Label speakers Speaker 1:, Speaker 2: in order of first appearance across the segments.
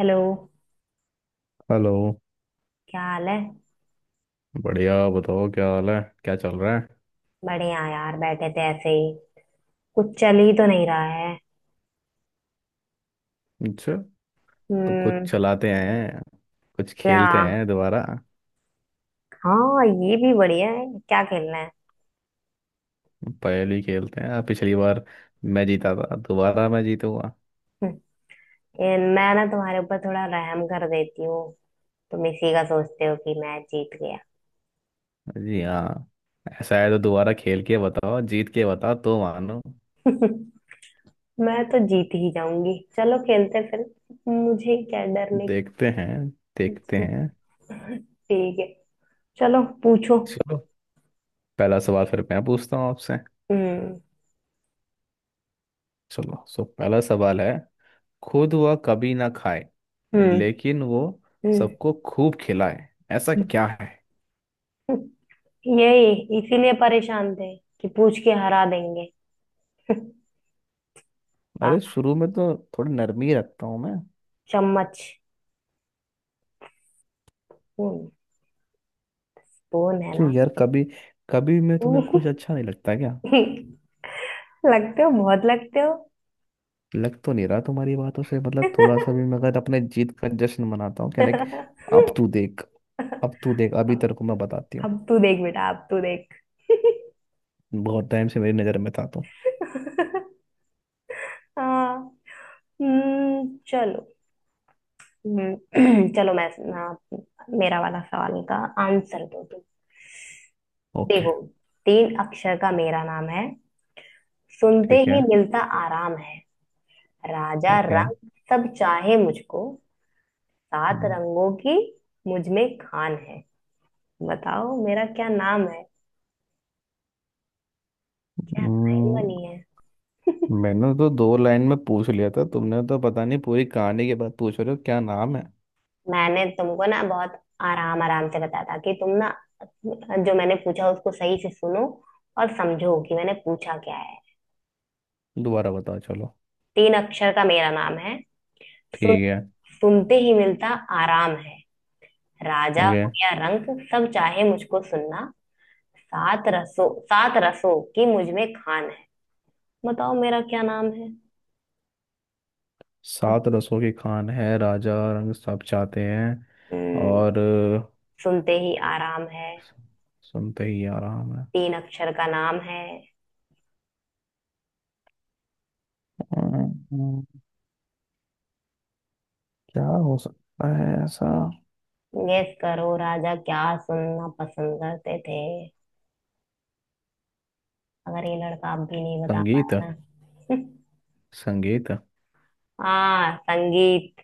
Speaker 1: Hello.
Speaker 2: Hello.
Speaker 1: क्या हाल है?
Speaker 2: बढ़िया, बताओ क्या हाल है? क्या चल रहा है?
Speaker 1: बढ़िया यार, बैठे थे ऐसे ही। कुछ चल ही तो नहीं रहा है।
Speaker 2: अच्छा। तो कुछ
Speaker 1: हम्म।
Speaker 2: चलाते हैं, कुछ
Speaker 1: क्या?
Speaker 2: खेलते हैं दोबारा।
Speaker 1: हाँ, ये भी बढ़िया है। क्या खेलना है?
Speaker 2: पहेली खेलते हैं, पिछली बार मैं जीता था, दोबारा मैं जीतूंगा।
Speaker 1: हम्म, मैं ना तुम्हारे ऊपर थोड़ा रहम कर देती हूँ। तुम इसी का सोचते हो कि मैं जीत गया।
Speaker 2: जी हाँ। ऐसा है तो दोबारा खेल के बताओ, जीत के बताओ तो मानो।
Speaker 1: मैं तो जीत ही जाऊंगी। चलो, खेलते फिर। मुझे क्या डरने की
Speaker 2: देखते हैं, देखते
Speaker 1: चीज़।
Speaker 2: हैं।
Speaker 1: ठीक है। चलो, पूछो।
Speaker 2: चलो, पहला सवाल फिर मैं पूछता हूँ आपसे।
Speaker 1: हम्म।
Speaker 2: चलो, सो पहला सवाल है। खुद वह कभी ना खाए,
Speaker 1: हम्म।
Speaker 2: लेकिन वो सबको खूब खिलाए। ऐसा
Speaker 1: हम्म।
Speaker 2: क्या है?
Speaker 1: यही, इसीलिए परेशान थे कि पूछ के हरा देंगे। आ,
Speaker 2: अरे शुरू में तो थोड़ी नरमी ही रखता हूँ मैं।
Speaker 1: चम्मच। हम्म, स्पून है
Speaker 2: क्यों
Speaker 1: ना?
Speaker 2: यार, कभी कभी मैं तुम्हें कुछ अच्छा नहीं लगता क्या?
Speaker 1: लगते हो, बहुत लगते हो।
Speaker 2: लग तो नहीं रहा तुम्हारी बातों से। मतलब थोड़ा सा भी मैं अगर अपने जीत का जश्न मनाता हूँ, क्या लाइक। अब तू देख, अब तू देख अभी तेरे को मैं बताती हूँ।
Speaker 1: अब तू देख बेटा, अब तू देख।
Speaker 2: बहुत टाइम से मेरी नज़र में था तू।
Speaker 1: हाँ। चलो। हम्म, चलो, मैं ना, मेरा वाला सवाल का आंसर दो तुम।
Speaker 2: ओके।
Speaker 1: देखो, तीन अक्षर का मेरा नाम है, सुनते
Speaker 2: ठीक है।
Speaker 1: ही मिलता आराम है, राजा
Speaker 2: ओके।
Speaker 1: रंग सब चाहे मुझको, सात
Speaker 2: हम्म,
Speaker 1: रंगों की मुझ में खान है, बताओ मेरा क्या नाम है। क्या लाइन बनी है।
Speaker 2: मैंने तो दो लाइन में पूछ लिया था, तुमने तो पता नहीं पूरी कहानी के बाद पूछ रहे हो क्या नाम है।
Speaker 1: मैंने तुमको ना बहुत आराम आराम से बताया था कि तुम ना, जो मैंने पूछा उसको सही से सुनो और समझो कि मैंने पूछा क्या है।
Speaker 2: दोबारा बताओ, चलो।
Speaker 1: तीन अक्षर का मेरा नाम है, सुन,
Speaker 2: ठीक है।
Speaker 1: सुनते ही मिलता आराम है, राजा
Speaker 2: ओके।
Speaker 1: हो या रंक, सब चाहे मुझको सुनना, सात रसों की मुझ में खान है, बताओ मेरा क्या नाम है। अब,
Speaker 2: सात रसों की खान है, राजा रंग सब चाहते हैं।
Speaker 1: हम्म,
Speaker 2: और
Speaker 1: सुनते ही आराम है,
Speaker 2: सुनते ही आ रहा मैं।
Speaker 1: तीन अक्षर का नाम है।
Speaker 2: अम्म, क्या हो सकता है ऐसा?
Speaker 1: गेस करो, राजा क्या सुनना पसंद करते थे। अगर ये लड़का अब भी नहीं बता
Speaker 2: संगीत।
Speaker 1: पाया ना।
Speaker 2: संगीत।
Speaker 1: हाँ, संगीत।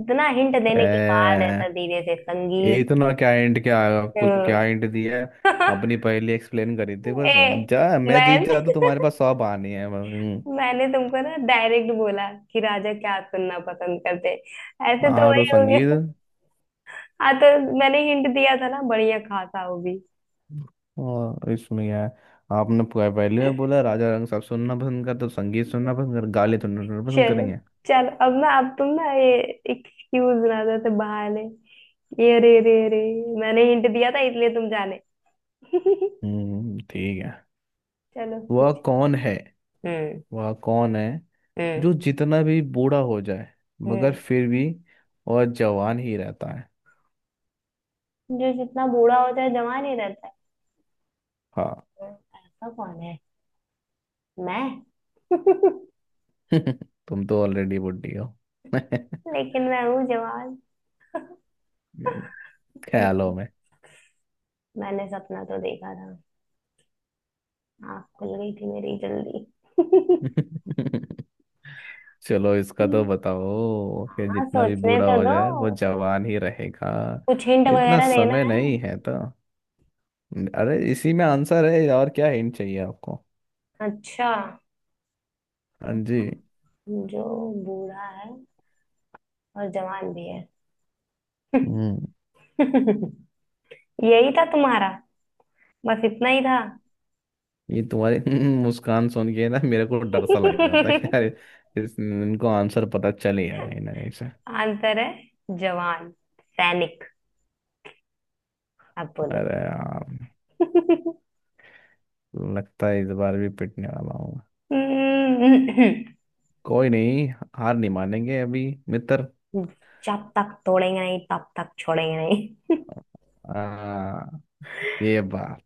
Speaker 1: इतना हिंट देने के बाद
Speaker 2: ए,
Speaker 1: ऐसा धीरे से
Speaker 2: ये
Speaker 1: संगीत।
Speaker 2: इतना क्या हिंट, क्या आएगा? कुछ क्या
Speaker 1: हम्म।
Speaker 2: हिंट दिया है? अपनी पहेली एक्सप्लेन करी थी बस।
Speaker 1: ए,
Speaker 2: जा, मैं जीत
Speaker 1: मैंने
Speaker 2: जाता तो तुम्हारे पास 100 आने हैं। हम्म।
Speaker 1: मैंने तुमको ना डायरेक्ट बोला कि राजा क्या सुनना पसंद करते। ऐसे तो
Speaker 2: हाँ
Speaker 1: वही
Speaker 2: तो
Speaker 1: हो गया।
Speaker 2: संगीत।
Speaker 1: हाँ तो मैंने हिंट दिया था ना, बढ़िया खासा वो भी।
Speaker 2: और इसमें क्या है? आपने पहले में बोला राजा रंग साहब सुनना पसंद करते तो संगीत सुनना पसंद कर गाले तो सुनना पसंद
Speaker 1: चलो,
Speaker 2: करेंगे।
Speaker 1: चलो। अब ना, अब तुम ना ये एक्सक्यूज ना दो तो बहाने, ये रे रे रे, मैंने हिंट दिया था इसलिए तुम जाने।
Speaker 2: हम्म, ठीक है।
Speaker 1: चलो,
Speaker 2: वह
Speaker 1: पूछो।
Speaker 2: कौन है?
Speaker 1: हम्म।
Speaker 2: वह कौन है
Speaker 1: हम्म।
Speaker 2: जो जितना भी बूढ़ा हो जाए मगर
Speaker 1: हम्म।
Speaker 2: फिर भी और जवान ही रहता है?
Speaker 1: जो जितना बूढ़ा होता है जवान ही रहता है?
Speaker 2: हाँ।
Speaker 1: ऐसा कौन है? मैं।
Speaker 2: तुम तो ऑलरेडी बुढ़ी हो।
Speaker 1: लेकिन मैं हूँ जवान।
Speaker 2: ख्यालों
Speaker 1: हम्म,
Speaker 2: में।
Speaker 1: मैंने सपना तो देखा था, आँख खुल गई थी मेरी जल्दी।
Speaker 2: चलो, इसका तो बताओ कि
Speaker 1: हाँ,
Speaker 2: जितना भी
Speaker 1: सोचने
Speaker 2: बूढ़ा
Speaker 1: तो
Speaker 2: हो
Speaker 1: दो।
Speaker 2: जाए वो जवान ही रहेगा।
Speaker 1: कुछ हिंट
Speaker 2: इतना
Speaker 1: वगैरह देना
Speaker 2: समय
Speaker 1: है।
Speaker 2: नहीं है तो। अरे, इसी में आंसर है, और क्या हिंट चाहिए आपको?
Speaker 1: अच्छा,
Speaker 2: हाँ जी।
Speaker 1: जो बूढ़ा है और जवान भी है।
Speaker 2: हम्म।
Speaker 1: यही था तुम्हारा? बस इतना ही था?
Speaker 2: ये तुम्हारी मुस्कान सुन के ना मेरे को डर सा लग रहा था कि यार इस इनको आंसर पता चल ही गया कहीं ना कहीं से।
Speaker 1: आंसर है जवान सैनिक। अब बोलो।
Speaker 2: अरे यार, लगता है इस बार भी पिटने वाला हूँ।
Speaker 1: हम्म,
Speaker 2: कोई नहीं, हार नहीं मानेंगे अभी, मित्र।
Speaker 1: जब तक तोड़ेंगे नहीं तब तक छोड़ेंगे नहीं।
Speaker 2: आ, ये बात।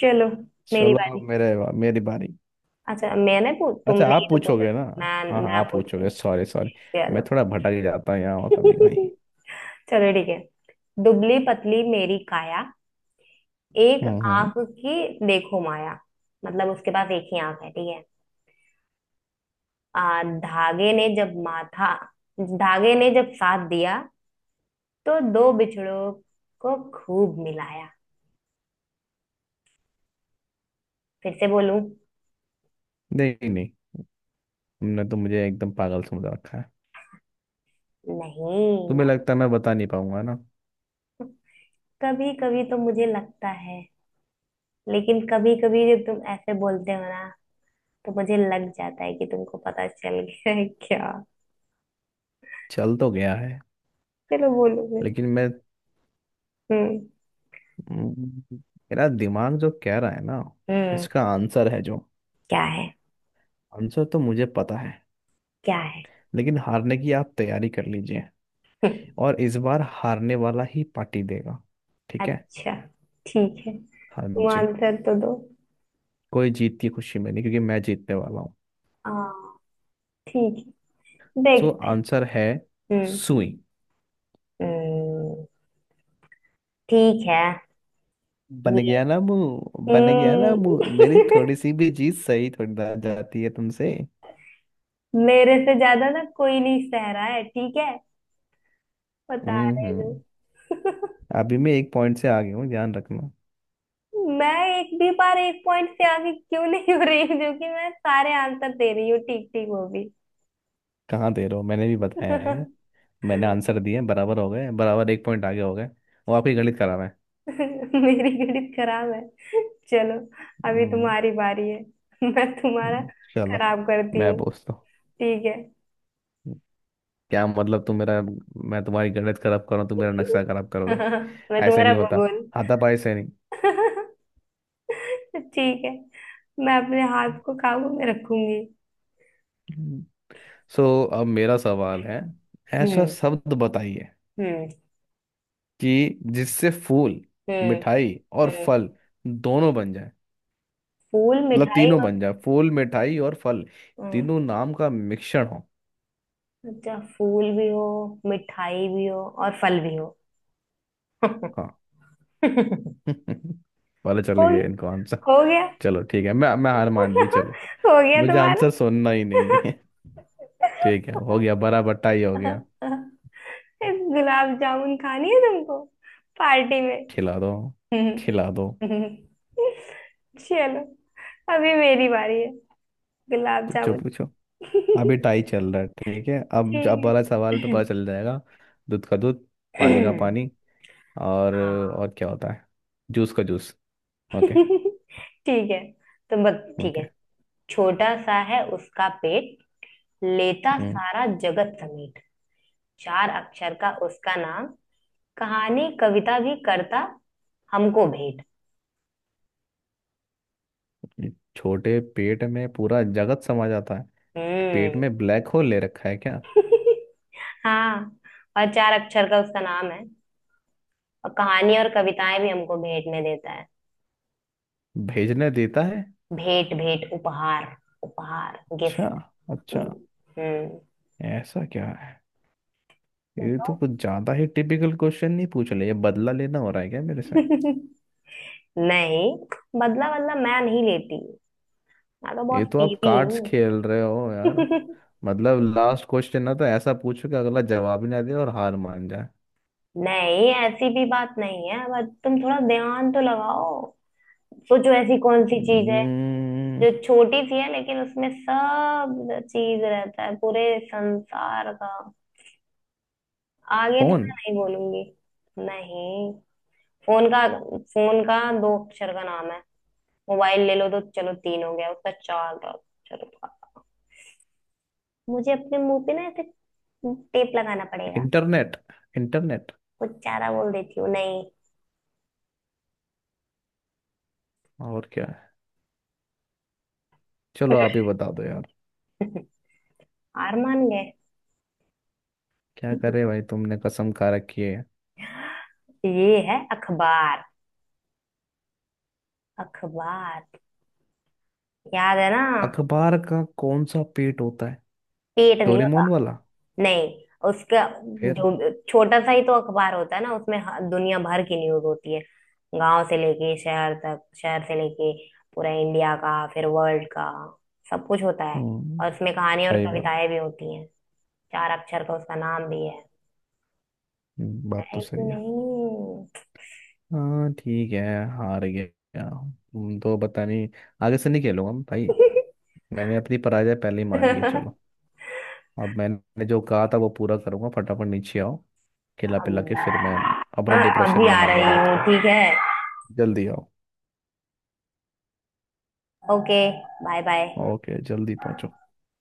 Speaker 1: चलो, मेरी
Speaker 2: चलो,
Speaker 1: बारी।
Speaker 2: अब मेरे मेरी बारी।
Speaker 1: अच्छा, मैंने पू
Speaker 2: अच्छा,
Speaker 1: तुमने ही
Speaker 2: आप
Speaker 1: तो पूछा।
Speaker 2: पूछोगे ना?
Speaker 1: मैं
Speaker 2: हाँ हाँ,
Speaker 1: मैं
Speaker 2: आप पूछोगे।
Speaker 1: पूछूंगी।
Speaker 2: Sorry sorry. मैं
Speaker 1: चलो।
Speaker 2: थोड़ा भटक ही जाता हूँ यहाँ और कभी कभी।
Speaker 1: चलो ठीक है। दुबली पतली मेरी काया, एक
Speaker 2: हम्म।
Speaker 1: आंख की देखो माया। मतलब उसके पास एक ही आंख है, ठीक है। आ, धागे ने जब माथा धागे ने जब साथ दिया, तो दो बिछड़ों को खूब मिलाया। फिर से बोलूं?
Speaker 2: नहीं नहीं, तुमने तो मुझे एकदम पागल समझ रखा है।
Speaker 1: नहीं। मैं,
Speaker 2: तुम्हें लगता है मैं बता नहीं पाऊंगा ना?
Speaker 1: कभी कभी तो मुझे लगता है, लेकिन कभी कभी जब तुम ऐसे बोलते हो ना, तो मुझे लग जाता है कि तुमको पता चल गया है क्या।
Speaker 2: चल तो गया है।
Speaker 1: चलो, बोलो फिर।
Speaker 2: लेकिन मैं,
Speaker 1: हम्म।
Speaker 2: हम्म, मेरा दिमाग जो कह रहा है ना,
Speaker 1: हम्म।
Speaker 2: इसका आंसर है जो।
Speaker 1: क्या है?
Speaker 2: आंसर तो मुझे पता है,
Speaker 1: क्या है?
Speaker 2: लेकिन हारने की आप तैयारी कर लीजिए। और इस बार हारने वाला ही पार्टी देगा। ठीक है?
Speaker 1: अच्छा, ठीक है।
Speaker 2: हाँ
Speaker 1: तुम
Speaker 2: जी।
Speaker 1: आंसर तो दो।
Speaker 2: कोई जीत की खुशी में नहीं, क्योंकि मैं जीतने वाला हूँ।
Speaker 1: हाँ, ठीक है,
Speaker 2: तो
Speaker 1: देखते हैं।
Speaker 2: आंसर है
Speaker 1: हम्म।
Speaker 2: सुई।
Speaker 1: हम्म। ठीक है।
Speaker 2: बन
Speaker 1: ये,
Speaker 2: गया ना मुंह, बन गया ना मुंह।
Speaker 1: हम्म,
Speaker 2: मेरी थोड़ी सी भी चीज सही थोड़ी ना जाती है तुमसे।
Speaker 1: मेरे से ज्यादा ना कोई नहीं सह रहा है ठीक है। बता
Speaker 2: हम्म
Speaker 1: रहे जो,
Speaker 2: हम्म। अभी मैं 1 पॉइंट से आगे हूँ, ध्यान रखना।
Speaker 1: मैं एक भी बार एक पॉइंट से आगे क्यों नहीं हो रही, जो कि मैं सारे आंसर दे रही हूँ ठीक ठीक, वो भी।
Speaker 2: कहाँ दे रहे हो? मैंने भी बताया है। मैंने आंसर दिए, बराबर हो गए बराबर, 1 पॉइंट आगे हो गए। वो आपकी गणित करा है।
Speaker 1: मेरी गणित खराब है। चलो, अभी
Speaker 2: हम्म।
Speaker 1: तुम्हारी बारी है। मैं तुम्हारा
Speaker 2: हम्म, चलो
Speaker 1: खराब करती
Speaker 2: मैं
Speaker 1: हूँ।
Speaker 2: पूछता
Speaker 1: ठीक है।
Speaker 2: हूँ। क्या मतलब तुम मेरा, मैं तुम्हारी गणित खराब करूँ, तुम मेरा नक्शा खराब करोगे?
Speaker 1: मैं
Speaker 2: ऐसे
Speaker 1: तुम्हारा
Speaker 2: नहीं होता
Speaker 1: भगोन।
Speaker 2: हाथापाई से।
Speaker 1: ठीक है, मैं अपने हाथ को काबू में रखूंगी।
Speaker 2: नहीं। सो अब मेरा सवाल है। ऐसा
Speaker 1: हम्म।
Speaker 2: शब्द बताइए
Speaker 1: हम्म।
Speaker 2: कि जिससे फूल,
Speaker 1: हम्म।
Speaker 2: मिठाई और
Speaker 1: हम्म।
Speaker 2: फल दोनों बन जाए।
Speaker 1: फूल
Speaker 2: मतलब
Speaker 1: मिठाई
Speaker 2: तीनों
Speaker 1: और,
Speaker 2: बन जाए, फूल मिठाई और फल,
Speaker 1: हम्म,
Speaker 2: तीनों नाम का मिश्रण हो।
Speaker 1: अच्छा, फूल भी हो, मिठाई भी हो और फल भी हो।
Speaker 2: हाँ।
Speaker 1: हो
Speaker 2: पता चल गया
Speaker 1: गई-
Speaker 2: इनको आंसर।
Speaker 1: हो गया।
Speaker 2: चलो ठीक है, मैं हार मान ली, चलो।
Speaker 1: हो गया
Speaker 2: मुझे
Speaker 1: तुम्हारा।
Speaker 2: आंसर सुनना ही नहीं है। ठीक है, हो गया, बड़ा बट्टा ही हो गया।
Speaker 1: गुलाब जामुन खानी है तुमको पार्टी में।
Speaker 2: खिला दो,
Speaker 1: हम्म।
Speaker 2: खिला दो।
Speaker 1: हम्म। चलो, अभी मेरी बारी है। गुलाब
Speaker 2: पूछो
Speaker 1: जामुन।
Speaker 2: पूछो। अभी
Speaker 1: ठीक।
Speaker 2: टाई चल रहा है, ठीक है? अब
Speaker 1: है
Speaker 2: वाला सवाल पे पता चल जाएगा। दूध का दूध, पानी का पानी और
Speaker 1: हाँ,
Speaker 2: और क्या होता है? जूस का जूस। ओके।
Speaker 1: ठीक है। तो बस, ठीक
Speaker 2: ओके।
Speaker 1: है। छोटा सा है उसका पेट, लेता
Speaker 2: हम्म,
Speaker 1: सारा जगत समेट, चार अक्षर का उसका नाम, कहानी कविता भी करता हमको भेंट।
Speaker 2: छोटे पेट में पूरा जगत समा जाता है। पेट
Speaker 1: हम्म।
Speaker 2: में ब्लैक होल ले रखा है क्या?
Speaker 1: हाँ, और चार अक्षर का उसका नाम है, और कहानी और कविताएं भी हमको भेंट में देता है।
Speaker 2: भेजने देता है।
Speaker 1: भेंट, भेंट उपहार, उपहार
Speaker 2: अच्छा।
Speaker 1: गिफ्ट।
Speaker 2: अच्छा।
Speaker 1: हम्म। हम्म।
Speaker 2: ऐसा क्या है? ये
Speaker 1: बताओ।
Speaker 2: तो कुछ ज्यादा ही टिपिकल क्वेश्चन नहीं पूछ रहे, ये बदला लेना हो रहा है क्या मेरे से?
Speaker 1: नहीं, बदला बदला मैं नहीं लेती, मैं तो
Speaker 2: ये
Speaker 1: बहुत
Speaker 2: तो आप
Speaker 1: सीधी
Speaker 2: कार्ड्स
Speaker 1: हूँ।
Speaker 2: खेल रहे हो यार। मतलब लास्ट क्वेश्चन ना, तो ऐसा पूछो कि अगला जवाब ही ना दे और हार मान जाए।
Speaker 1: नहीं, ऐसी भी बात नहीं है, बट तुम थोड़ा ध्यान तो लगाओ। सोचो, ऐसी कौन सी चीज है
Speaker 2: हम्म,
Speaker 1: जो छोटी सी है लेकिन उसमें सब चीज रहता है पूरे संसार का। आगे तो
Speaker 2: फोन।
Speaker 1: मैं नहीं बोलूंगी। नहीं। फोन का फोन का दो अक्षर का नाम है, मोबाइल ले लो तो चलो तीन हो गया, उसका चार का अक्षर का। मुझे अपने मुंह पे ना ऐसे टेप लगाना पड़ेगा।
Speaker 2: इंटरनेट। इंटरनेट।
Speaker 1: कुछ चारा बोल देती हूँ, नहीं।
Speaker 2: और क्या है? चलो, आप ही बता दो यार।
Speaker 1: हार मान गए?
Speaker 2: क्या करे भाई, तुमने कसम खा रखी है।
Speaker 1: ये है अखबार। अखबार, याद है ना?
Speaker 2: अखबार का कौन सा पेट होता है?
Speaker 1: पेट नहीं होता।
Speaker 2: डोरेमोन वाला।
Speaker 1: नहीं, उसका,
Speaker 2: फिर?
Speaker 1: जो छोटा सा ही तो अखबार होता है ना, उसमें दुनिया भर की न्यूज होती है। गांव से लेके शहर तक, शहर से लेके पूरा इंडिया का, फिर वर्ल्ड का सब कुछ होता है।
Speaker 2: हम्म।
Speaker 1: और उसमें कहानी और
Speaker 2: सही बात।
Speaker 1: कविताएं भी होती हैं। चार अक्षर का उसका नाम भी है।
Speaker 2: बात तो
Speaker 1: है कि
Speaker 2: सही है।
Speaker 1: नहीं?
Speaker 2: हाँ ठीक है। हार गया हूँ। तुम तो पता नहीं। आगे से नहीं खेलूंगा मैं भाई। मैंने अपनी पराजय पहले ही मान ली, चलो। अब मैंने जो कहा था वो पूरा करूंगा, फटाफट नीचे आओ। खिला
Speaker 1: अब
Speaker 2: पिला के फिर मैं अपना
Speaker 1: मैं
Speaker 2: डिप्रेशन
Speaker 1: अभी आ रही
Speaker 2: मनाऊंगा रात
Speaker 1: हूँ,
Speaker 2: को।
Speaker 1: ठीक है।
Speaker 2: जल्दी आओ।
Speaker 1: Okay, bye bye.
Speaker 2: ओके, जल्दी पहुंचो।